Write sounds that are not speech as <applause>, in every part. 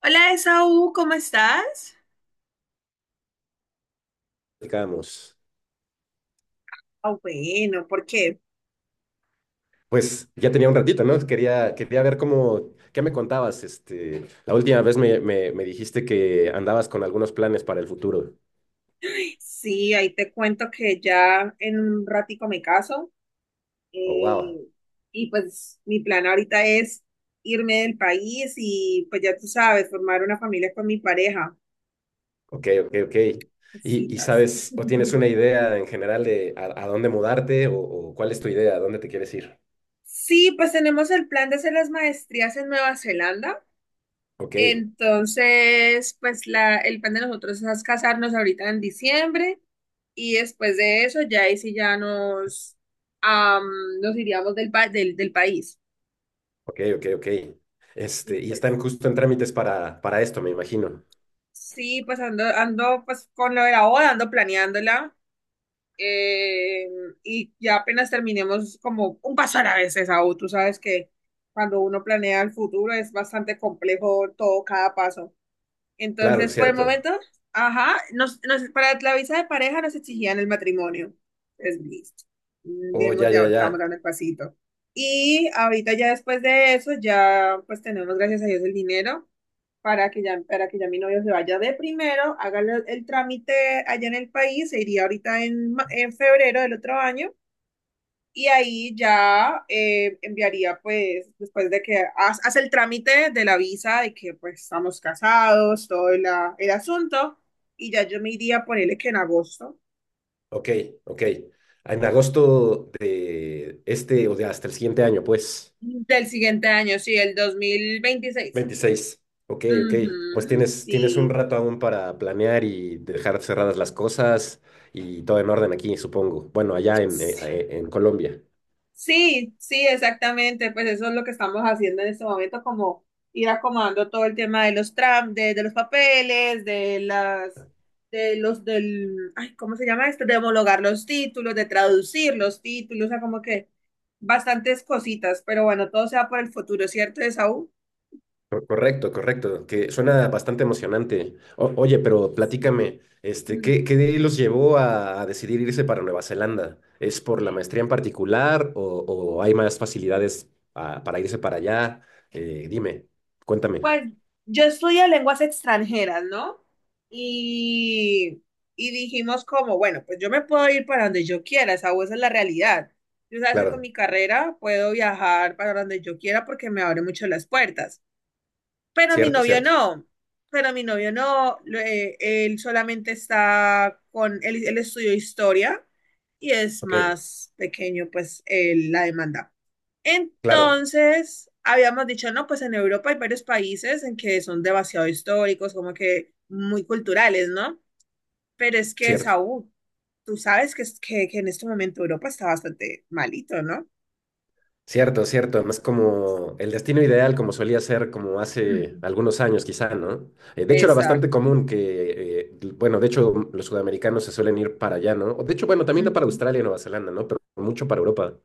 Hola, Esaú, ¿cómo estás? Platicábamos. Ah, bueno, porque Pues ya tenía un ratito, ¿no? Quería ver cómo, qué me contabas. La última vez me dijiste que andabas con algunos planes para el futuro. sí, ahí te cuento que ya en un ratico me caso, Oh, eh, wow. y pues mi plan ahorita es irme del país y pues ya tú sabes, formar una familia con mi pareja, Ok, ok, ok. ¿Y, cositas. sabes o tienes <laughs> una idea en general de a dónde mudarte o cuál es tu idea, a dónde te quieres ir? Sí, pues tenemos el plan de hacer las maestrías en Nueva Zelanda. Ok, Entonces, pues el plan de nosotros es casarnos ahorita en diciembre. Y después de eso, ya ahí sí ya nos, am, nos iríamos del, del país. ok, ok, ok. Y Y pues están justo en trámites para esto, me imagino. sí, pues ando pues con lo de la boda, ando planeándola. eh, y ya apenas terminemos, como un paso a la vez, Esaú. Tú sabes que cuando uno planea el futuro es bastante complejo todo, cada paso. Claro, Entonces, por el cierto. momento, ajá, para la visa de pareja nos exigían el matrimonio. Es listo. Mm, Oh, digamos, ya, ya ya, estamos ya. dando el pasito. Y ahorita ya después de eso, ya pues tenemos, gracias a Dios, el dinero para que ya mi novio se vaya de primero, haga el trámite allá en el país, se iría ahorita en, en febrero del otro año, y ahí ya enviaría, pues, después de que hace el trámite de la visa, de que pues estamos casados, el asunto, y ya yo me iría, ponerle que en agosto Ok, ok. En agosto de este, o de hasta el siguiente año, pues. del siguiente año, sí, el 2026. 26. Ok, ok. Pues Ujú, tienes, tienes un sí. rato aún para planear y dejar cerradas las cosas y todo en orden aquí, supongo. Bueno, allá en Colombia. Sí, sí, exactamente. Pues eso es lo que estamos haciendo en este momento, como ir acomodando todo el tema de de los papeles, de las, de los, del, ay, ¿cómo se llama esto? De homologar los títulos, de traducir los títulos, o sea, como que bastantes cositas. Pero bueno, todo sea por el futuro, ¿cierto, Esaú? Correcto, correcto, que suena bastante emocionante. Oye, pero platícame, Mm. ¿qué, qué los llevó a decidir irse para Nueva Zelanda? ¿Es por la maestría en particular o hay más facilidades para irse para allá? Dime, cuéntame. Pues yo estudio lenguas extranjeras, ¿no? Y, y dijimos como, bueno, pues yo me puedo ir para donde yo quiera, esa es la realidad. Yo sabes que con Claro, mi carrera puedo viajar para donde yo quiera porque me abre mucho las puertas. Pero mi cierto, novio cierto. no, él solamente está con, él estudió historia y es Ok, más pequeño pues la demanda. claro, Entonces, habíamos dicho, no, pues en Europa hay varios países en que son demasiado históricos, como que muy culturales, ¿no? Pero es que, cierto. Saúl, tú sabes que, que en este momento Europa está bastante malito, ¿no? Cierto, cierto, además como el destino ideal, como solía ser como hace Ujú. algunos años quizá, ¿no? De hecho era bastante Exacto. común que, bueno, de hecho los sudamericanos se suelen ir para allá, ¿no? O de hecho, bueno, también no para Ujú. Australia y Nueva Zelanda, ¿no? Pero mucho para Europa.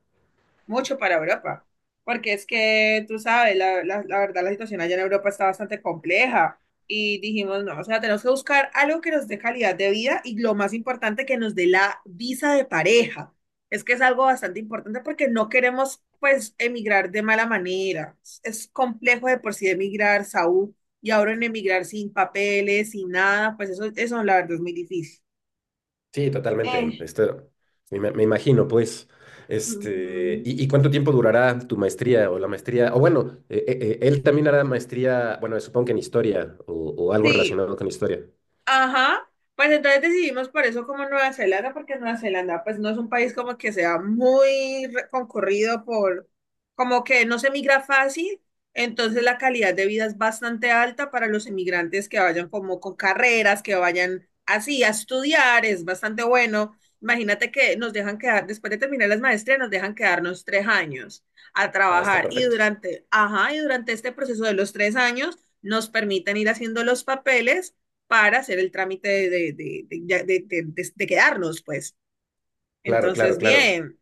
Mucho para Europa, porque es que tú sabes, la verdad la situación allá en Europa está bastante compleja, y dijimos, no, o sea, tenemos que buscar algo que nos dé calidad de vida y lo más importante, que nos dé la visa de pareja. Es que es algo bastante importante porque no queremos, pues, emigrar de mala manera. Es complejo de por sí emigrar, Saúl, y ahora en emigrar sin papeles, sin nada, pues eso la verdad es muy difícil. Sí, totalmente. Eh, Esto, me imagino, pues, ujú. Y cuánto tiempo durará tu maestría o la maestría? O bueno, él también hará maestría, bueno, supongo que en historia o algo Sí, relacionado con historia. ajá, pues entonces decidimos por eso como Nueva Zelanda, porque Nueva Zelanda pues no es un país como que sea muy concurrido por, como que no se migra fácil, entonces la calidad de vida es bastante alta para los inmigrantes que vayan como con carreras, que vayan así a estudiar, es bastante bueno. Imagínate que nos dejan quedar, después de terminar las maestrías, nos dejan quedarnos 3 años a Ah, está trabajar y perfecto. durante, ajá, y durante este proceso de los 3 años nos permiten ir haciendo los papeles para hacer el trámite de quedarnos, pues. Claro, claro, Entonces, claro. bien,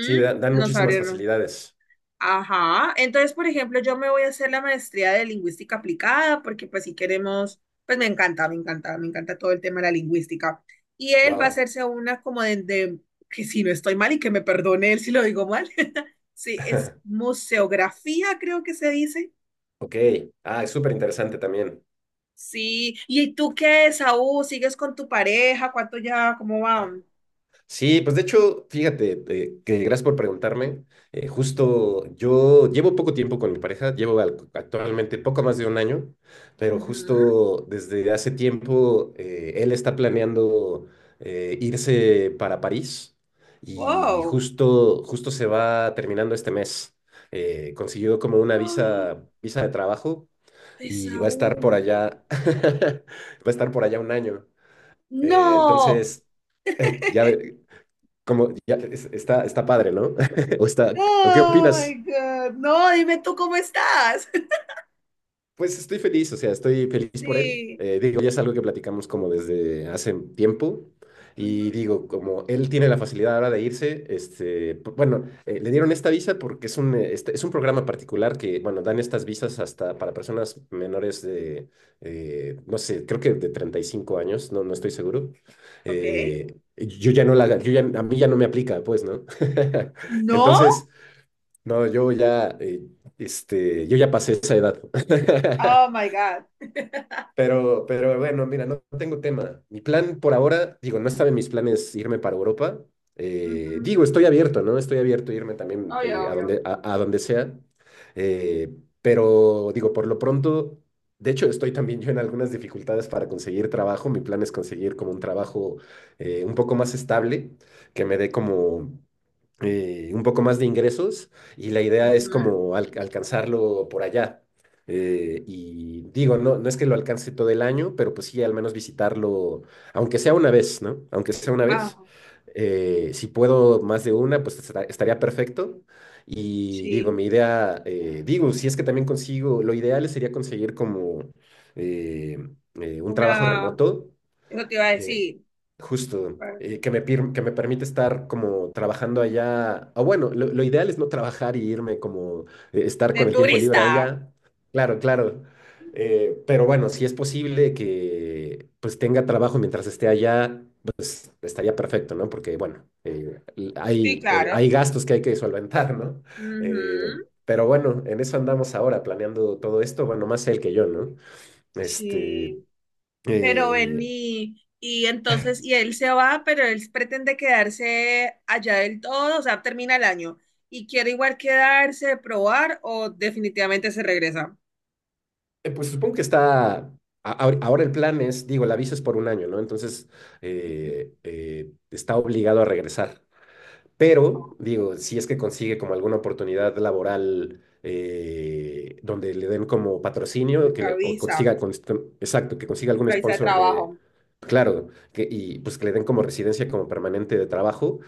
Sí, dan nos muchísimas abrieron. facilidades. Ajá, entonces, por ejemplo, yo me voy a hacer la maestría de lingüística aplicada, porque pues si queremos, pues me encanta todo el tema de la lingüística. Y él va a Wow. hacerse una como que si no estoy mal y que me perdone él si lo digo mal. <laughs> Sí, es <laughs> museografía, creo que se dice. Ok. Ah, es súper interesante también. Sí, ¿y tú qué, Saúl? ¿Sigues con tu pareja? ¿Cuánto ya? ¿Cómo va? Sí, pues de hecho, fíjate, que gracias por preguntarme. Justo yo llevo poco tiempo con mi pareja, llevo actualmente poco más de un año, pero Ujú. justo desde hace tiempo él está planeando irse para París y ¡Wow! justo, justo se va terminando este mes. Consiguió como una ¡Oh! visa, visa de trabajo y va a estar por Esaú. allá, <laughs> va a estar por allá un año. No. Entonces, ya, como, está, está padre, ¿no? <laughs> O está, ¿o qué Oh my opinas? God. No, dime tú cómo estás. <laughs> Pues estoy feliz, o sea, estoy feliz por él. Sí. Digo, ya es algo que platicamos como desde hace tiempo. Y Ujú. digo, como él tiene la facilidad ahora de irse, este, bueno, le dieron esta visa porque es un, es un programa particular que, bueno, dan estas visas hasta para personas menores de, no sé, creo que de 35 años, no, no estoy seguro. Ok. Yo ya no la, yo ya, a mí ya no me aplica, pues, ¿no? <laughs> No. Entonces, no, yo ya, yo ya pasé esa edad. <laughs> Oh my God. Pero bueno, mira, no tengo tema. Mi plan por ahora, digo, no estaba en mis planes irme para Europa. Digo, Ujú. estoy abierto, ¿no? Estoy abierto a irme también Obvio, obvio. A donde sea. Eh, pero digo, por lo pronto, de hecho, estoy también yo en algunas dificultades para conseguir trabajo. Mi plan es conseguir como un trabajo un poco más estable, que me dé como un poco más de ingresos y la idea es Ujú. como alcanzarlo por allá. Y digo, no, no es que lo alcance todo el año, pero pues sí, al menos visitarlo, aunque sea una vez, ¿no? Aunque sea una Ah, vez. Si puedo más de una, pues estaría perfecto. Y digo, sí. mi idea, digo, si es que también consigo, lo ideal sería conseguir como eh, un trabajo Una. remoto Eso te iba a eh, decir. justo, que me, que me permite estar como trabajando allá, o bueno, lo ideal es no trabajar y irme como estar De con el tiempo libre turista. allá, claro, claro. Pero bueno, si es posible que pues tenga trabajo mientras esté allá, pues estaría perfecto, ¿no? Porque bueno, Sí, hay claro. gastos que hay que solventar, ¿no? Eh, Ujú. pero bueno, en eso andamos ahora, planeando todo esto, bueno, más él que yo, ¿no? Este... Sí. Pero eh, vení, y entonces, y él se va, pero él pretende quedarse allá del todo, o sea, termina el año. Y quiere igual quedarse, probar, o definitivamente se regresa. Pues supongo que está, ahora el plan es, digo, la visa es por un año, ¿no? Entonces, está obligado a regresar. Pero, digo, si es que consigue como alguna oportunidad laboral donde le den como patrocinio, que La le, o visa, consiga, exacto, que consiga algún la visa de sponsor de, trabajo. claro, que, y pues que le den como residencia como permanente de trabajo,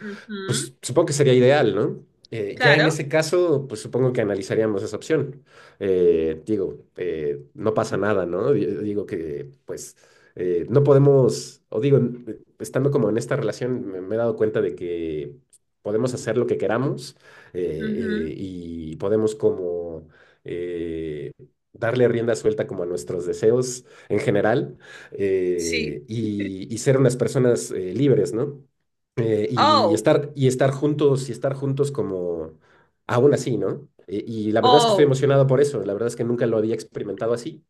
pues Ujú, supongo que sería ideal, ¿no? Ya en claro. ese caso, pues supongo que analizaríamos esa opción. Digo, no pasa nada, ¿no? Digo que, pues, no podemos, o digo, estando como en esta relación, me he dado cuenta de que podemos hacer lo que queramos Ujú, y podemos como eh, darle rienda suelta como a nuestros deseos en general sí. Y ser unas personas libres, ¿no? Y Oh, estar, y estar juntos como aún así, ¿no? Y la verdad es que estoy oh. emocionado por eso, la verdad es que nunca lo había experimentado así.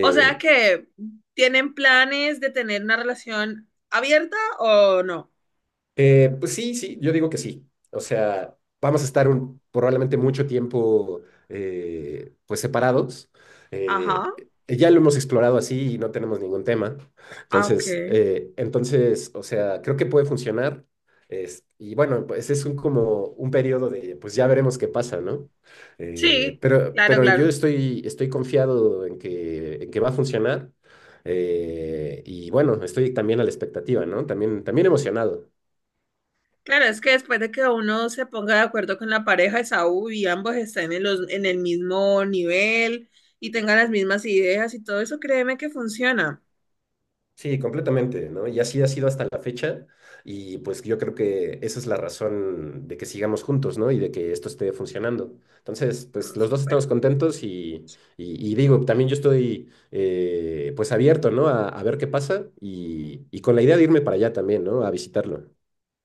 O sea que tienen planes de tener una relación abierta o no. Pues sí, sí, yo digo que sí. O sea, vamos a estar probablemente mucho tiempo pues separados. Eh, Ajá. Ya lo hemos explorado así y no tenemos ningún tema. Ah, ok. Entonces, entonces, o sea, creo que puede funcionar. Y bueno, pues es un, como un periodo de, pues ya veremos qué pasa, ¿no? Sí, pero, claro, pero yo claro. estoy, estoy confiado en que va a funcionar. Y bueno, estoy también a la expectativa, ¿no? También, también emocionado. Claro, es que después de que uno se ponga de acuerdo con la pareja de Saúl y ambos estén en en el mismo nivel y tengan las mismas ideas y todo eso, créeme que funciona. Sí, completamente, ¿no? Y así ha sido hasta la fecha y pues yo creo que esa es la razón de que sigamos juntos, ¿no? Y de que esto esté funcionando. Entonces, pues No, los dos súper. estamos contentos y digo, también yo estoy pues abierto, ¿no? A ver qué pasa y con la idea de irme para allá también, ¿no? A visitarlo.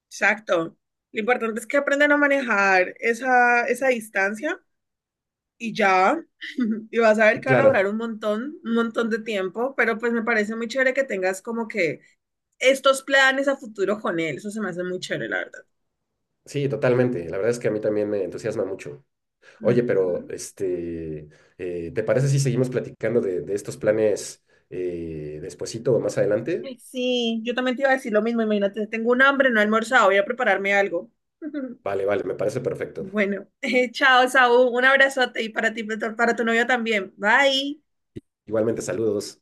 Exacto. Lo importante es que aprendan a manejar esa distancia y ya. <laughs> Y vas a ver que van a durar Claro, un montón de tiempo, pero pues me parece muy chévere que tengas como que estos planes a futuro con él. Eso se me hace muy chévere, la verdad. sí, totalmente. La verdad es que a mí también me entusiasma mucho. Oye, pero Ujú. este, ¿te parece si seguimos platicando de estos planes despuesito o más adelante? Ay, sí, yo también te iba a decir lo mismo. Imagínate, tengo un hambre, no he almorzado, voy a prepararme algo. <laughs> Vale, vale, me parece perfecto. Bueno, <laughs> chao, Saúl. Un abrazote y para ti, para tu novio también. Bye. Igualmente, saludos.